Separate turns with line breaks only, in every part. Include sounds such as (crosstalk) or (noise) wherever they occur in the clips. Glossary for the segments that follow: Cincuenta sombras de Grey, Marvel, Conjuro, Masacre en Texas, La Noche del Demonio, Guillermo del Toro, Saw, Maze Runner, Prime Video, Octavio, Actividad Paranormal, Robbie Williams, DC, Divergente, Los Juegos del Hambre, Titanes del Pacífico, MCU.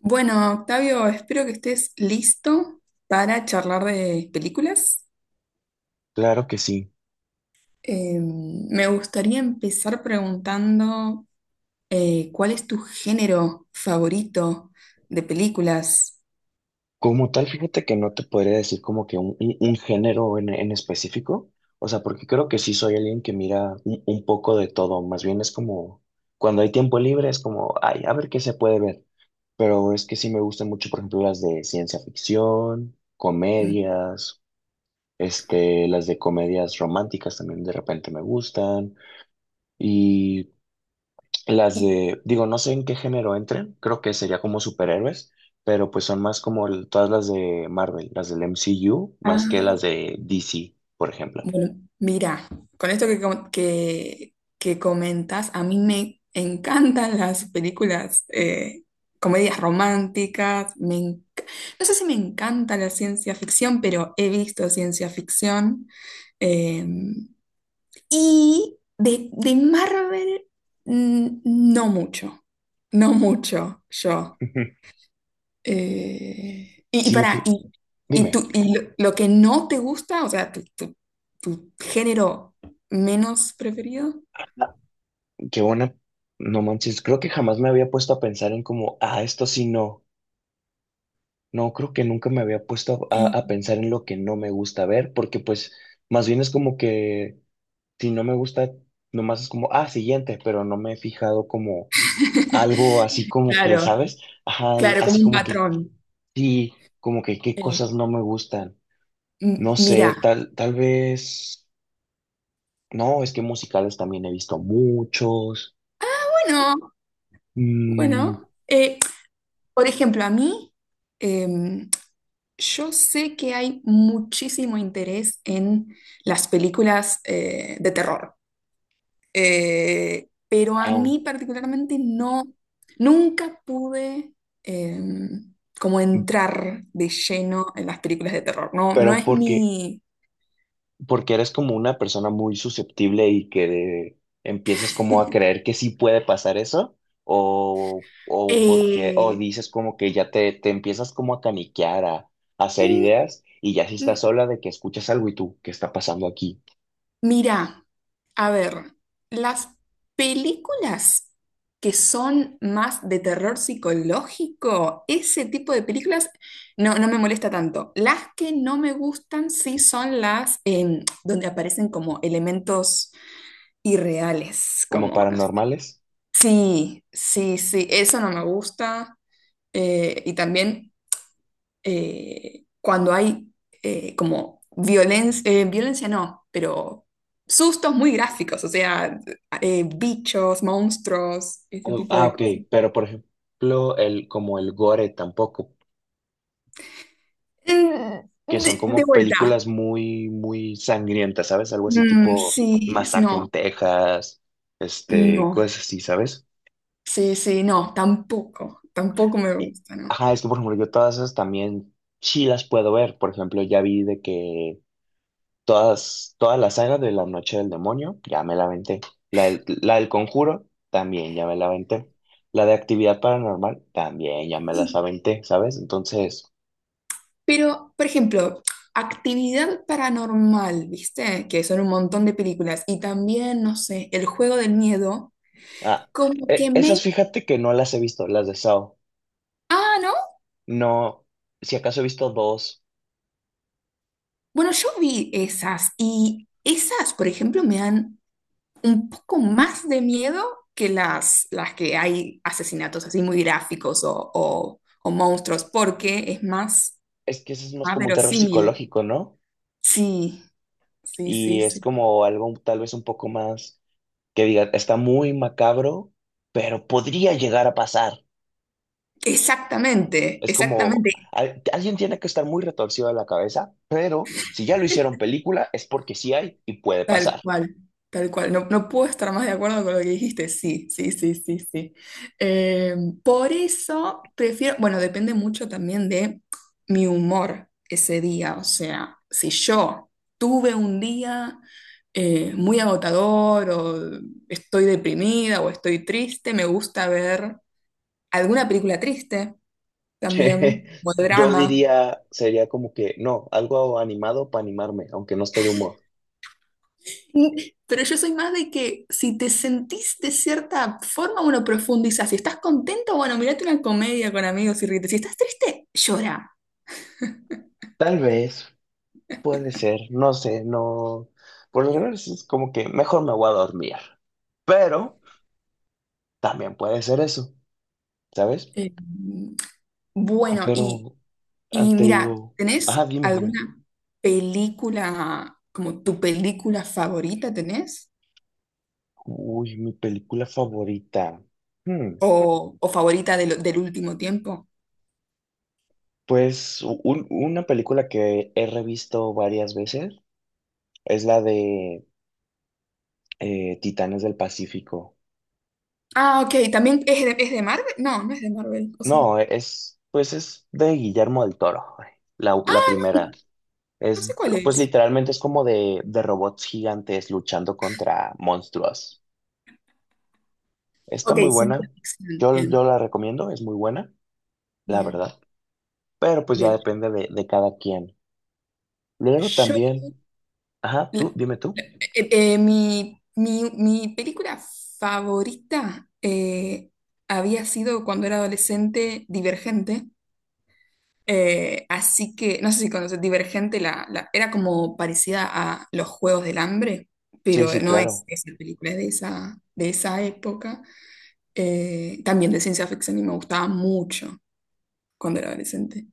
Bueno, Octavio, espero que estés listo para charlar de películas.
Claro que sí.
Me gustaría empezar preguntando ¿cuál es tu género favorito de películas?
Como tal, fíjate que no te podría decir como que un género en específico, o sea, porque creo que sí soy alguien que mira un poco de todo, más bien es como, cuando hay tiempo libre es como, ay, a ver qué se puede ver, pero es que sí me gustan mucho, por ejemplo, las de ciencia ficción,
Mm.
comedias, las de comedias románticas también de repente me gustan, y las
Y-
de, digo, no sé en qué género entren, creo que sería como superhéroes, pero pues son más como todas las de Marvel, las del MCU,
ah,
más que las de DC, por ejemplo.
Bueno, mira, con esto que comentas, a mí me encantan las películas, comedias románticas, no sé si me encanta la ciencia ficción, pero he visto ciencia ficción. eh, y de Marvel, mm, no mucho, no mucho yo.
(laughs)
Eh, y, y
Sí,
para, y,
dime.
tú, lo que no te gusta, o sea, tu género menos preferido.
Qué buena, no manches, creo que jamás me había puesto a pensar en como, ah, esto sí no, no, creo que nunca me había puesto a,
eh,
a pensar en lo que no me gusta ver, porque pues más bien es como que si no me gusta, nomás es como, ah, siguiente, pero no me he fijado como algo
(laughs)
así como que,
claro,
¿sabes? Ajá,
claro, como
así
un
como que,
patrón.
sí, como que qué
Eh,
cosas no me gustan. No
Mira,
sé, tal vez, no, es que musicales también he visto muchos.
bueno,
¿Mm?
bueno, por ejemplo, a mí, em, yo sé que hay muchísimo interés en las películas de terror. Pero a
Ah,
mí particularmente no, nunca pude eh, como entrar de lleno en las películas de terror. No, no
pero
es mi…
porque eres como una persona muy susceptible y que empiezas como a creer que sí puede pasar eso, o porque, o
eh,
dices como que ya te empiezas como a caniquear, a hacer
mm,
ideas, y ya si estás
mm,
sola de que escuchas algo y tú, ¿qué está pasando aquí?
mirá, a ver, las películas que son más de terror psicológico, ese tipo de películas no, no me molesta tanto. Las que no me gustan sí son las donde aparecen como elementos irreales,
¿Como
como, no sé.
paranormales?
Sí, sí, sí, eso no me gusta. Y también cuando hay como violencia, violencia no, pero sustos muy gráficos, o sea, bichos, monstruos, ese
Oh,
tipo
ah,
de
ok,
cosas.
pero por ejemplo, el, como el gore tampoco,
Mm,
que son
de
como
vuelta.
películas muy sangrientas, ¿sabes? Algo así
Mm,
tipo
sí,
Masacre
no,
en Texas, este,
no,
cosas así, ¿sabes?
sí, sí, no, tampoco, tampoco me
Y-
gusta, ¿no?
Ajá, es que por ejemplo yo todas esas también sí las puedo ver. Por ejemplo, ya vi de que todas, toda la saga de La Noche del Demonio, ya me la aventé. La del Conjuro, también ya me la aventé. La de Actividad Paranormal, también ya me las aventé, ¿sabes? Entonces,
Pero, por ejemplo, actividad paranormal, ¿viste? Que son un montón de películas. Y también, no sé, El Juego del Miedo,
ah,
como que me…
esas fíjate que no las he visto, las de Saw.
Ah, ¿no?
No, si acaso he visto dos.
Bueno, yo vi esas y esas, por ejemplo, me dan un poco más de miedo que las que hay asesinatos así muy gráficos o monstruos, porque es más,
Es que ese es más
más
como un terror
verosímil.
psicológico, ¿no?
Sí, sí, sí,
Y es
sí.
como algo tal vez un poco más que digan, está muy macabro, pero podría llegar a pasar.
Exactamente,
Es como,
exactamente.
alguien tiene que estar muy retorcido de la cabeza, pero si ya lo hicieron película, es porque sí hay y puede
Tal
pasar.
cual, tal cual. No, no puedo estar más de acuerdo con lo que dijiste. Sí, sí, sí, sí, sí. Eh, por eso prefiero, bueno, depende mucho también de mi humor ese día. O sea, si yo tuve un día muy agotador o estoy deprimida o estoy triste, me gusta ver alguna película triste
(laughs)
también, o
Yo
drama.
diría, sería como que, no, algo animado para animarme, aunque no esté de humor.
Pero yo soy más de que si te sentís de cierta forma, uno profundiza. Si estás contento, bueno, mirate una comedia con amigos y ríete. Si estás triste, llora.
Tal vez, puede ser, no sé, no. Por lo general es como que mejor me voy a dormir, pero también puede ser eso, ¿sabes?
Eh, bueno,
Pero, ah,
y
te
mira,
digo, ajá,
¿tenés
dime, dime.
alguna película, como tu película favorita tenés?
Uy, mi película favorita. Hmm,
O favorita del último tiempo?
pues una película que he revisto varias veces es la de Titanes del Pacífico.
Ah, ok, ¿también es de Marvel? No, no es de Marvel, ¿o sí?
No, es, pues es de Guillermo del Toro, la
Ah,
primera.
no
Es,
sé cuál
pues
es.
literalmente es como de robots gigantes luchando contra monstruos. Está
Ok,
muy
ciencia
buena.
ficción.
Yo
Bien,
la recomiendo, es muy buena, la
bien,
verdad. Pero pues ya
bien.
depende de cada quien. Luego también, ajá,
Yo,
tú, dime tú.
Mi película favorita había sido cuando era adolescente Divergente. Así que, no sé si conoces, Divergente era como parecida a Los Juegos del Hambre,
Sí,
pero
sí,
no es
claro.
esa película, es de esa época. También de ciencia ficción y me gustaba mucho cuando era adolescente.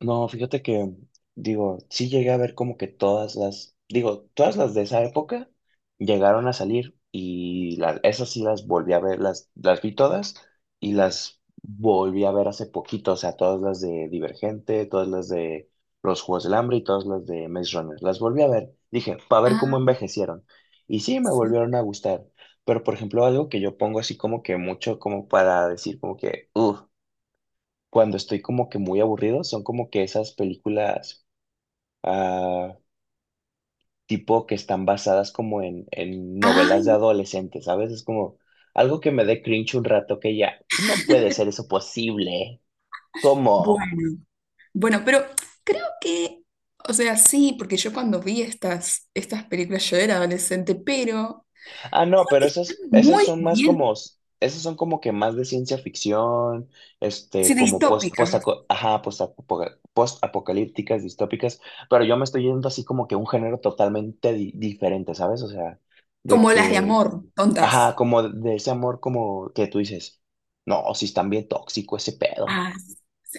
No, fíjate que, digo, sí llegué a ver como que todas las, digo, todas las de esa época llegaron a salir y esas sí las volví a ver, las vi todas y las volví a ver hace poquito, o sea, todas las de Divergente, todas las de Los Juegos del Hambre y todas las de Maze Runner. Las volví a ver, dije, para ver cómo
Ah,
envejecieron. Y sí, me
sí.
volvieron a gustar. Pero, por ejemplo, algo que yo pongo así como que mucho como para decir como que, uff, cuando estoy como que muy aburrido, son como que esas películas ah, tipo que están basadas como en novelas de
Ay,
adolescentes, ¿sabes? Es como algo que me dé cringe un rato que ya, no puede ser eso posible. ¿Cómo?
bueno. Bueno, pero creo que, o sea, sí, porque yo cuando vi estas, estas películas yo era adolescente, pero
Ah, no, pero esas, esas
muy
son más
bien,
como, esas son como que más de ciencia ficción,
sí,
como post,
distópicas,
ajá, post-apocalípticas, distópicas, pero yo me estoy yendo así como que un género totalmente diferente, ¿sabes? O sea, de
como las de
que
amor,
ajá,
tontas.
como de ese amor como que tú dices, no, si están bien tóxico ese pedo,
Ah,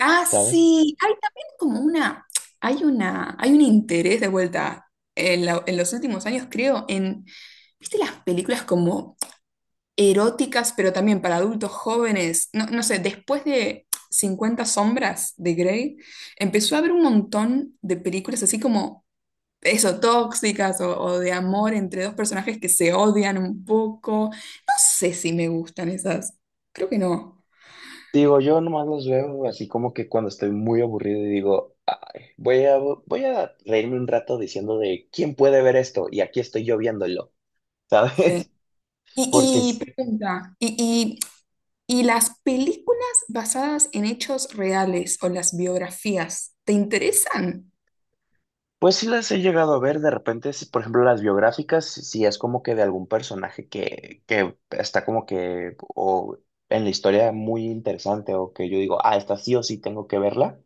ah,
¿sabes?
sí, hay también como una, hay un interés de vuelta en, en los últimos años, creo, en, ¿viste las películas como eróticas, pero también para adultos jóvenes? No, no sé, después de Cincuenta Sombras de Grey, empezó a haber un montón de películas así como eso, tóxicas o de amor entre dos personajes que se odian un poco. No sé si me gustan esas. Creo que no.
Digo, yo nomás los veo así como que cuando estoy muy aburrido y digo, "Ay, voy a reírme un rato diciendo de quién puede ver esto y aquí estoy yo viéndolo,
Sí.
¿sabes? (laughs) Porque,
Y
es-
pregunta, y las películas basadas en hechos reales o las biografías, ¿te interesan?
pues sí las he llegado a ver de repente, si, por ejemplo, las biográficas, si es como que de algún personaje que está como que, o en la historia muy interesante o que yo digo, ah, esta sí o sí tengo que verla.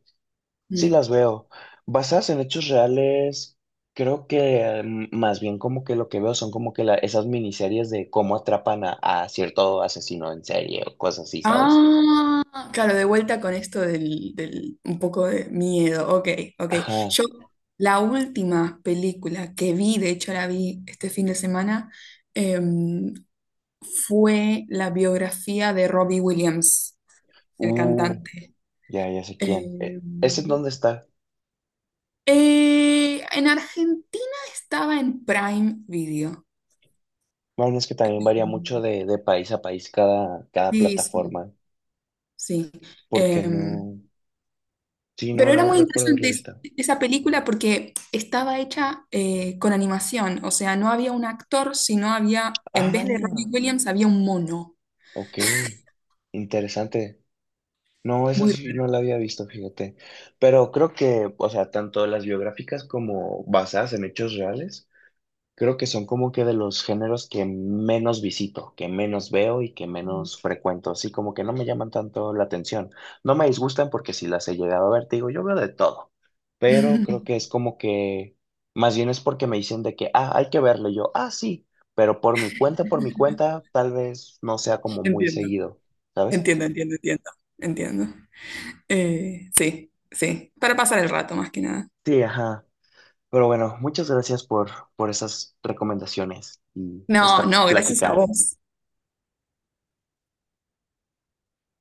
Sí,
Mm.
las veo. Basadas en hechos reales, creo que mm, más bien como que lo que veo son como que esas miniseries de cómo atrapan a cierto asesino en serie o cosas así, ¿sabes?
Ah, claro, de vuelta con esto del, del un poco de miedo. Ok, ok.
Ajá.
Yo, la última película que vi, de hecho la vi este fin de semana, em, fue la biografía de Robbie Williams, el
Uh,
cantante.
ya sé quién. ¿Ese en
Em,
dónde está?
en Argentina estaba en Prime Video.
Bueno, es que también varía mucho de país a país cada, cada
Sí, sí,
plataforma.
sí.
¿Porque
Em,
no? Sí, no,
pero era
no
muy
recuerdo haberla
interesante
visto.
esa película porque estaba hecha con animación, o sea, no había un actor, sino había, en vez de Robbie
Ah,
Williams, había un mono.
ok. Interesante. No, esa
Muy
sí
raro.
no la había visto, fíjate. Pero creo que, o sea, tanto las biográficas como basadas en hechos reales, creo que son como que de los géneros que menos visito, que menos veo y que menos frecuento. Así como que no me llaman tanto la atención. No me disgustan porque si las he llegado a ver, te digo, yo veo de todo. Pero creo que
(laughs)
es como que, más bien es porque me dicen de que, ah, hay que verlo. Y yo, ah, sí, pero por mi cuenta, tal vez no sea como muy
Entiendo,
seguido, ¿sabes?
entiendo, entiendo, entiendo, entiendo. Sí, sí, para pasar el rato más que nada.
Sí, ajá. Pero bueno, muchas gracias por esas recomendaciones y
No,
esta
no, gracias a
plática.
vos.